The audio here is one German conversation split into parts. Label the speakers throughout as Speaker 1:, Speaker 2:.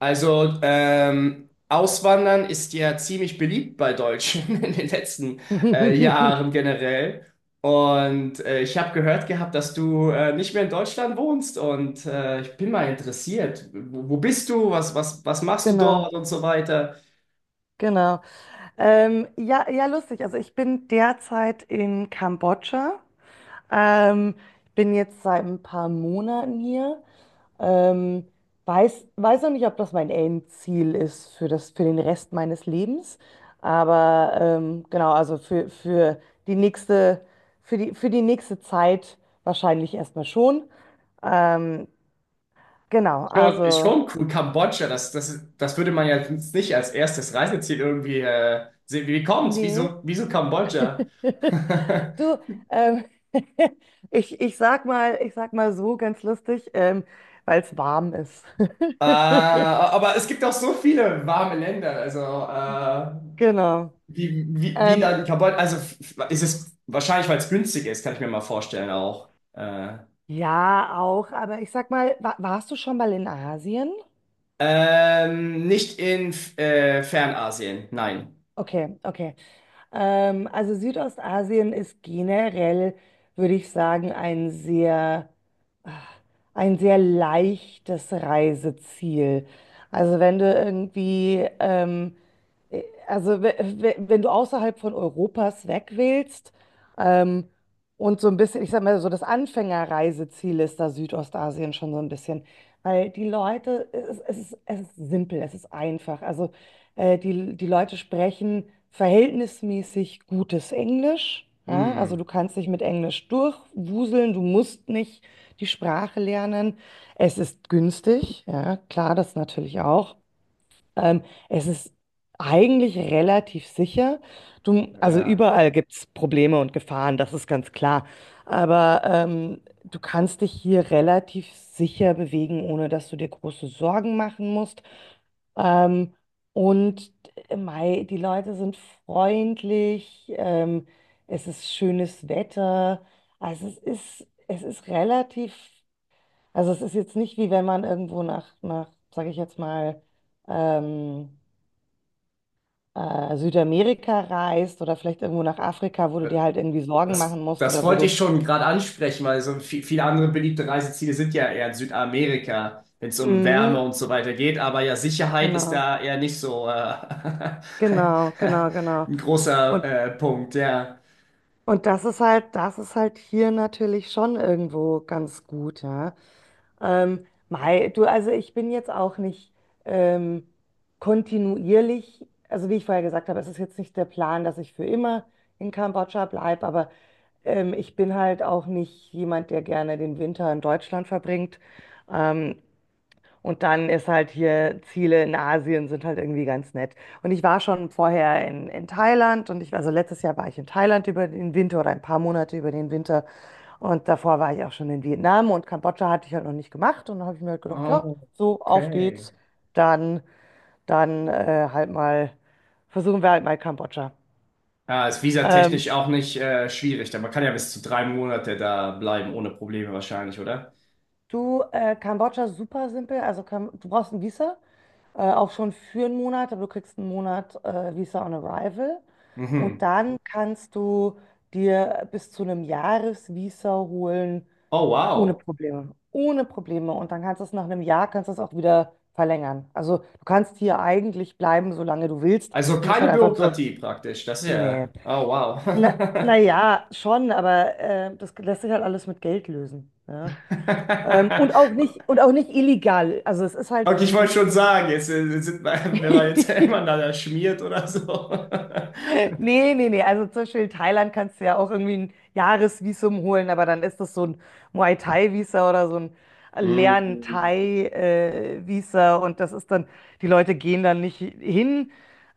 Speaker 1: Also, Auswandern ist ja ziemlich beliebt bei Deutschen in den letzten Jahren generell. Und ich habe gehört gehabt, dass du nicht mehr in Deutschland wohnst. Und ich bin mal interessiert. Wo bist du? Was machst du
Speaker 2: Genau,
Speaker 1: dort und so weiter?
Speaker 2: genau. Ja, ja, lustig. Also ich bin derzeit in Kambodscha. Ähm, bin jetzt seit ein paar Monaten hier. Ähm, weiß noch nicht, ob das mein Endziel ist für das, für den Rest meines Lebens. Aber genau, also die nächste, für die nächste Zeit wahrscheinlich erstmal schon. Ähm, genau,
Speaker 1: Schon, ist
Speaker 2: also
Speaker 1: schon cool. Kambodscha, das würde man ja jetzt nicht als erstes Reiseziel irgendwie sehen. Wie kommt's?
Speaker 2: nee.
Speaker 1: Wieso Kambodscha?
Speaker 2: Du, ähm, ich sag mal so ganz lustig, weil es warm ist.
Speaker 1: Aber es gibt auch so viele warme Länder, also
Speaker 2: Genau.
Speaker 1: wie
Speaker 2: Ähm,
Speaker 1: da die Cambodja, ist es wahrscheinlich, weil es günstig ist, kann ich mir mal vorstellen auch.
Speaker 2: ja, auch, aber ich sag mal, wa warst du schon mal in Asien?
Speaker 1: Nicht in Fernasien, nein.
Speaker 2: Okay, okay. Also Südostasien ist generell, würde ich sagen, ein ah, sehr leichtes Reiseziel. Also wenn du irgendwie, also wenn du außerhalb von Europas weg willst, ähm, und so ein bisschen, ich sag mal, so das Anfängerreiseziel ist da Südostasien schon so ein bisschen. Weil die Leute, es ist simpel, es ist einfach. Also die Leute sprechen verhältnismäßig gutes Englisch. Ja? Also
Speaker 1: Hm,
Speaker 2: du kannst dich mit Englisch durchwuseln, du musst nicht die Sprache lernen. Es ist günstig, ja, klar, das natürlich auch. Ähm, Es ist eigentlich relativ sicher. Du, also
Speaker 1: ja.
Speaker 2: überall gibt es Probleme und Gefahren, das ist ganz klar. Aber du kannst dich hier relativ sicher bewegen, ohne dass du dir große Sorgen machen musst. Ähm, und mei, die Leute sind freundlich, es ist schönes Wetter. Also es ist relativ, also es ist jetzt nicht, wie wenn man irgendwo nach sage ich jetzt mal, ähm, Südamerika reist oder vielleicht irgendwo nach Afrika, wo du dir halt irgendwie Sorgen
Speaker 1: Das,
Speaker 2: machen musst
Speaker 1: das
Speaker 2: oder wo
Speaker 1: wollte
Speaker 2: du.
Speaker 1: ich schon gerade ansprechen, weil so viele andere beliebte Reiseziele sind ja eher in Südamerika, wenn es um Wärme
Speaker 2: Mhm,
Speaker 1: und so weiter geht. Aber ja, Sicherheit ist
Speaker 2: genau,
Speaker 1: da eher nicht so
Speaker 2: genau, genau, genau.
Speaker 1: ein großer
Speaker 2: Und,
Speaker 1: Punkt, ja.
Speaker 2: und das ist halt hier natürlich schon irgendwo ganz gut, ja. Mei, du, also ich bin jetzt auch nicht ähm, kontinuierlich, also wie ich vorher gesagt habe, es ist jetzt nicht der Plan, dass ich für immer in Kambodscha bleibe, aber ich bin halt auch nicht jemand, der gerne den Winter in Deutschland verbringt. Ähm, und dann ist halt hier, Ziele in Asien sind halt irgendwie ganz nett. Und ich war schon vorher in Thailand und also letztes Jahr war ich in Thailand über den Winter oder ein paar Monate über den Winter. Und davor war ich auch schon in Vietnam und Kambodscha hatte ich halt noch nicht gemacht. Und dann habe ich mir halt gedacht, ja,
Speaker 1: Oh,
Speaker 2: so, auf
Speaker 1: okay.
Speaker 2: geht's. Dann, dann halt mal, versuchen wir halt mal Kambodscha.
Speaker 1: Ja, ist
Speaker 2: Ähm,
Speaker 1: visatechnisch auch nicht schwierig. Da Man kann ja bis zu drei Monate da bleiben, ohne Probleme wahrscheinlich, oder?
Speaker 2: Du, Kambodscha ist super simpel. Also Kam du brauchst ein Visa, auch schon für einen Monat, aber du kriegst einen Monat Visa on Arrival. Und
Speaker 1: Mhm.
Speaker 2: dann kannst du dir bis zu einem Jahresvisa holen,
Speaker 1: Oh,
Speaker 2: ohne
Speaker 1: wow.
Speaker 2: Probleme. Ohne Probleme. Und dann kannst du es nach einem Jahr, kannst du es auch wieder verlängern. Also du kannst hier eigentlich bleiben, solange du willst.
Speaker 1: Also
Speaker 2: Du musst
Speaker 1: keine
Speaker 2: halt einfach nur.
Speaker 1: Bürokratie praktisch. Das ist ja.
Speaker 2: Nee.
Speaker 1: Oh,
Speaker 2: Na,
Speaker 1: wow.
Speaker 2: naja, schon, aber das lässt sich halt alles mit Geld lösen, ja. Und auch nicht, und auch nicht illegal. Also es ist halt,
Speaker 1: Okay, ich wollte
Speaker 2: das,
Speaker 1: schon
Speaker 2: das
Speaker 1: sagen, jetzt sind, wenn man jetzt miteinander schmiert oder so.
Speaker 2: Nee, nee, nee. Also zum Beispiel in Thailand kannst du ja auch irgendwie ein Jahresvisum holen, aber dann ist das so ein Muay Thai-Visa oder so ein
Speaker 1: Hm.
Speaker 2: Lern-Thai-Visa und das ist dann, die Leute gehen dann nicht hin.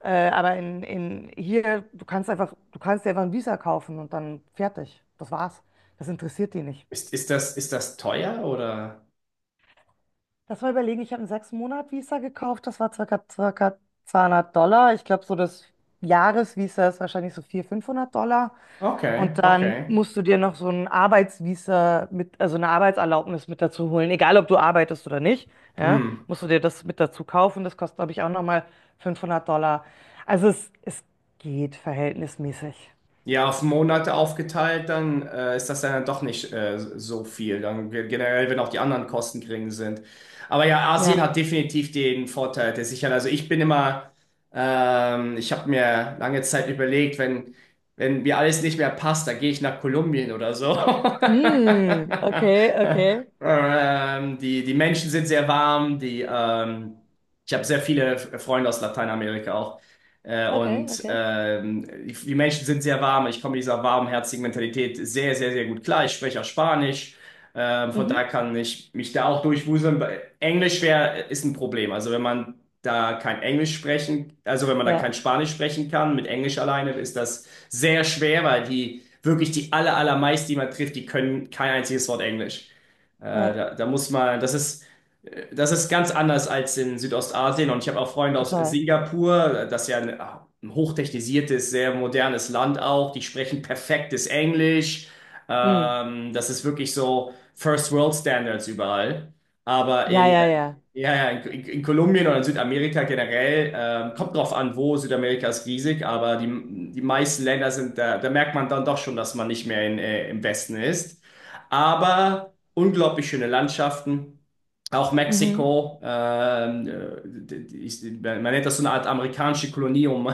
Speaker 2: Aber in hier, du kannst dir einfach ein Visa kaufen und dann fertig. Das war's. Das interessiert die nicht.
Speaker 1: Ist das teuer oder?
Speaker 2: Lass mal überlegen, ich habe einen 6 Monat Visa gekauft, das war circa 200 Dollar. Ich glaube, so das Jahresvisa ist wahrscheinlich so 400, 500 Dollar.
Speaker 1: Okay,
Speaker 2: Und dann
Speaker 1: okay.
Speaker 2: musst du dir noch so ein Arbeitsvisa mit, also eine Arbeitserlaubnis mit dazu holen, egal ob du arbeitest oder nicht. Ja,
Speaker 1: Hm.
Speaker 2: musst du dir das mit dazu kaufen. Das kostet, glaube ich, auch nochmal 500 Dollar. Also es geht verhältnismäßig.
Speaker 1: Ja, auf Monate aufgeteilt, dann ist das dann doch nicht so viel. Dann generell, wenn auch die anderen Kosten gering sind. Aber ja, Asien
Speaker 2: Ja.
Speaker 1: hat definitiv den Vorteil der Sicherheit. Also ich bin immer, ich habe mir lange Zeit überlegt, wenn mir alles nicht mehr passt, dann gehe ich nach Kolumbien oder so.
Speaker 2: Mm, okay, okay.
Speaker 1: Die Menschen sind sehr warm, ich habe sehr viele Freunde aus Lateinamerika auch. Äh,
Speaker 2: Okay,
Speaker 1: und
Speaker 2: okay.
Speaker 1: die Menschen sind sehr warm. Ich komme mit dieser warmherzigen Mentalität sehr, sehr, sehr gut klar. Ich spreche auch Spanisch. Von
Speaker 2: Mhm.
Speaker 1: daher kann ich mich da auch durchwuseln. Englisch ist ein Problem. Also wenn man da kein Englisch sprechen, also wenn man da kein
Speaker 2: Ja,
Speaker 1: Spanisch sprechen kann, mit Englisch alleine ist das sehr schwer, weil die wirklich die allermeisten, die man trifft, die können kein einziges Wort Englisch. Äh,
Speaker 2: ja,
Speaker 1: da, da muss man, das ist ganz anders als in Südostasien und ich habe auch Freunde aus
Speaker 2: total.
Speaker 1: Singapur, das ist ja ein hochtechnisiertes, sehr modernes Land auch, die sprechen perfektes Englisch.
Speaker 2: Mm.
Speaker 1: Das ist wirklich so First World Standards überall. Aber
Speaker 2: Ja, ja, ja.
Speaker 1: ja, ja, in Kolumbien oder in Südamerika generell, kommt drauf an, wo Südamerika ist riesig, aber die meisten Länder sind, da merkt man dann doch schon, dass man nicht mehr im Westen ist. Aber unglaublich schöne Landschaften. Auch
Speaker 2: Mhm.
Speaker 1: Mexiko, man nennt das so eine Art amerikanische Kolonie um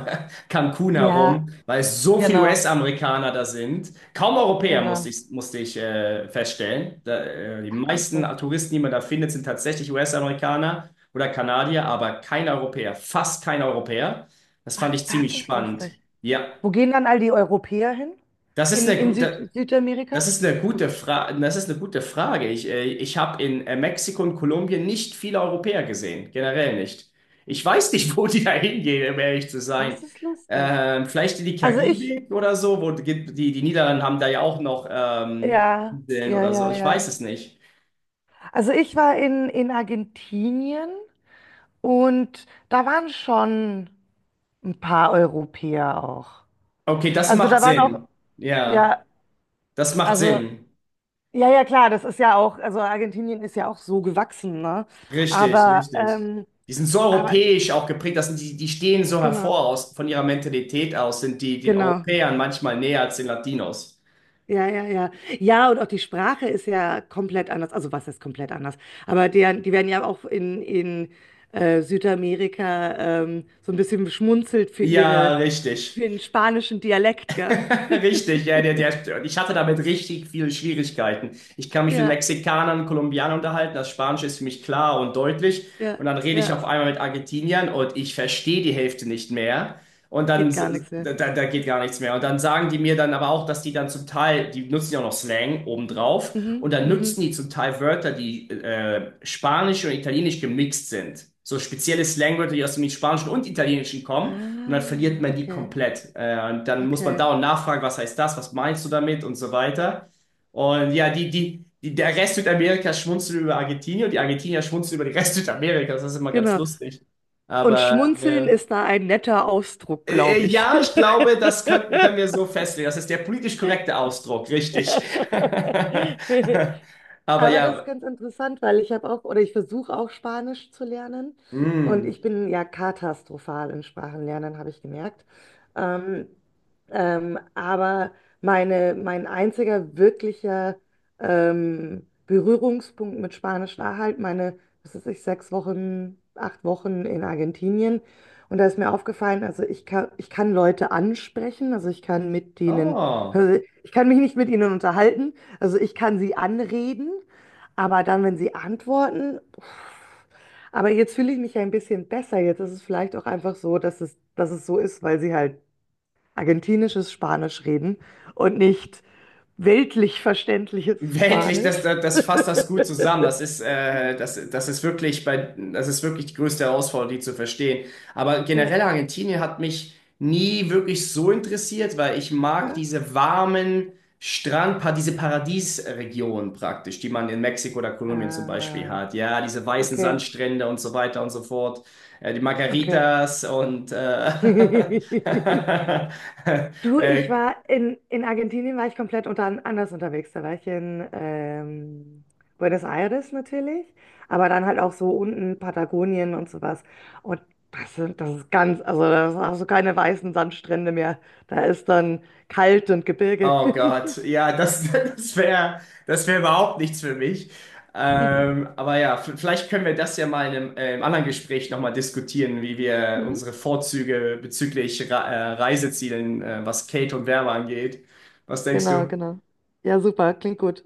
Speaker 1: Cancun
Speaker 2: Ja,
Speaker 1: herum, weil es so viele
Speaker 2: genau,
Speaker 1: US-Amerikaner da sind. Kaum Europäer,
Speaker 2: genau.
Speaker 1: musste ich feststellen. Die
Speaker 2: Ach,
Speaker 1: meisten
Speaker 2: lustig.
Speaker 1: Touristen, die man da findet, sind tatsächlich US-Amerikaner oder Kanadier, aber kein Europäer, fast kein Europäer. Das
Speaker 2: Ach,
Speaker 1: fand ich
Speaker 2: das
Speaker 1: ziemlich
Speaker 2: ist
Speaker 1: spannend.
Speaker 2: lustig.
Speaker 1: Ja,
Speaker 2: Wo gehen dann all die Europäer hin?
Speaker 1: das ist
Speaker 2: In,
Speaker 1: eine
Speaker 2: in
Speaker 1: gute.
Speaker 2: Südamerika?
Speaker 1: Das ist eine gute Fra Das ist eine gute Frage. Ich habe in Mexiko und Kolumbien nicht viele Europäer gesehen, generell nicht. Ich weiß nicht, wo die da hingehen, um ehrlich zu sein.
Speaker 2: Das ist lustig.
Speaker 1: Vielleicht in die
Speaker 2: Also ich,
Speaker 1: Karibik oder so, wo die die Niederlande haben da ja auch noch
Speaker 2: ja,
Speaker 1: Inseln
Speaker 2: ja,
Speaker 1: oder
Speaker 2: ja,
Speaker 1: so. Ich weiß
Speaker 2: ja.
Speaker 1: es nicht.
Speaker 2: Also ich war in Argentinien und da waren schon ein paar Europäer auch.
Speaker 1: Okay, das
Speaker 2: Also
Speaker 1: macht
Speaker 2: da waren auch,
Speaker 1: Sinn.
Speaker 2: ja,
Speaker 1: Ja, das macht
Speaker 2: also
Speaker 1: Sinn.
Speaker 2: ja, ja, klar, das ist ja auch, also Argentinien ist ja auch so gewachsen, ne?
Speaker 1: Richtig,
Speaker 2: Aber,
Speaker 1: richtig.
Speaker 2: ähm,
Speaker 1: Die sind so
Speaker 2: aber
Speaker 1: europäisch auch geprägt, das sind die, die stehen so
Speaker 2: genau,
Speaker 1: hervor aus, von ihrer Mentalität aus, sind die den
Speaker 2: genau.
Speaker 1: Europäern manchmal näher als den Latinos.
Speaker 2: Ja, ja, ja. Ja, und auch die Sprache ist ja komplett anders. Also was ist komplett anders? Aber die werden ja auch in Südamerika so ein bisschen beschmunzelt für
Speaker 1: Ja,
Speaker 2: für
Speaker 1: richtig.
Speaker 2: den spanischen Dialekt, gell?
Speaker 1: Richtig, ja, ich hatte damit richtig viele Schwierigkeiten. Ich kann mich mit
Speaker 2: Ja,
Speaker 1: Mexikanern, Kolumbianern unterhalten, das Spanische ist für mich klar und deutlich.
Speaker 2: ja,
Speaker 1: Und dann rede ich
Speaker 2: ja.
Speaker 1: auf einmal mit Argentiniern und ich verstehe die Hälfte nicht mehr. Und dann,
Speaker 2: Geht gar
Speaker 1: s-
Speaker 2: nichts mehr.
Speaker 1: da, da, da geht gar nichts mehr. Und dann sagen die mir dann aber auch, dass die dann zum Teil, die nutzen ja auch noch Slang obendrauf.
Speaker 2: Mhm,
Speaker 1: Und dann
Speaker 2: mhm.
Speaker 1: nutzen die zum Teil Wörter, die Spanisch und Italienisch gemixt sind. So spezielle Slangwörter, die aus dem Spanischen und Italienischen kommen. Und dann verliert
Speaker 2: Ah,
Speaker 1: man die
Speaker 2: okay,
Speaker 1: komplett. Und dann muss man
Speaker 2: okay.
Speaker 1: dauernd nachfragen, was heißt das, was meinst du damit und so weiter. Und ja, der Rest Südamerikas schmunzelt über Argentinien und die Argentinier schmunzeln über den Rest Südamerikas. Das ist immer ganz
Speaker 2: Genau.
Speaker 1: lustig.
Speaker 2: Und
Speaker 1: Aber
Speaker 2: schmunzeln
Speaker 1: ja.
Speaker 2: ist da ein netter Ausdruck,
Speaker 1: äh,
Speaker 2: glaube ich.
Speaker 1: ja, ich glaube, das können wir so festlegen. Das ist der politisch korrekte Ausdruck, richtig. Aber
Speaker 2: Aber das ist
Speaker 1: ja,
Speaker 2: ganz interessant, weil ich habe auch, oder ich versuche auch Spanisch zu lernen. Und
Speaker 1: mh,
Speaker 2: ich bin ja katastrophal in Sprachenlernen, habe ich gemerkt. Ähm, aber meine, mein einziger wirklicher Berührungspunkt mit Spanisch war halt meine, was weiß ich, 6 Wochen, 8 Wochen in Argentinien. Und da ist mir aufgefallen, also ich kann Leute ansprechen, also ich kann mit denen,
Speaker 1: oh.
Speaker 2: also ich kann mich nicht mit ihnen unterhalten, also ich kann sie anreden. Aber dann, wenn sie antworten, uff. Aber jetzt fühle ich mich ja ein bisschen besser. Jetzt ist es vielleicht auch einfach so, dass es so ist, weil sie halt argentinisches Spanisch reden und nicht weltlich verständliches
Speaker 1: Weltlich, das,
Speaker 2: Spanisch.
Speaker 1: das, das fasst das gut zusammen. Das ist, das, das ist wirklich bei, Das ist wirklich die größte Herausforderung, die zu verstehen. Aber generell
Speaker 2: Ja.
Speaker 1: Argentinien hat mich nie wirklich so interessiert, weil ich mag
Speaker 2: Ja.
Speaker 1: diese diese Paradiesregionen praktisch, die man in Mexiko oder Kolumbien zum Beispiel
Speaker 2: Ah,
Speaker 1: hat. Ja, diese weißen
Speaker 2: okay,
Speaker 1: Sandstrände und so weiter und so fort. Die
Speaker 2: okay.
Speaker 1: Margaritas und
Speaker 2: Du, ich
Speaker 1: äh,
Speaker 2: war in Argentinien, war ich komplett anders unterwegs. Da war ich in Buenos Aires natürlich, aber dann halt auch so unten Patagonien und sowas. Und das ist ganz, also das sind auch so keine weißen Sandstrände mehr. Da ist dann kalt und Gebirge.
Speaker 1: oh Gott, ja, das wär überhaupt nichts für mich. Aber ja, vielleicht können wir das ja mal im anderen Gespräch nochmal diskutieren, wie wir
Speaker 2: Mhm.
Speaker 1: unsere Vorzüge bezüglich Re Reisezielen, was Kate und Werbe angeht. Was denkst
Speaker 2: Genau,
Speaker 1: du?
Speaker 2: genau. Ja, super, klingt gut.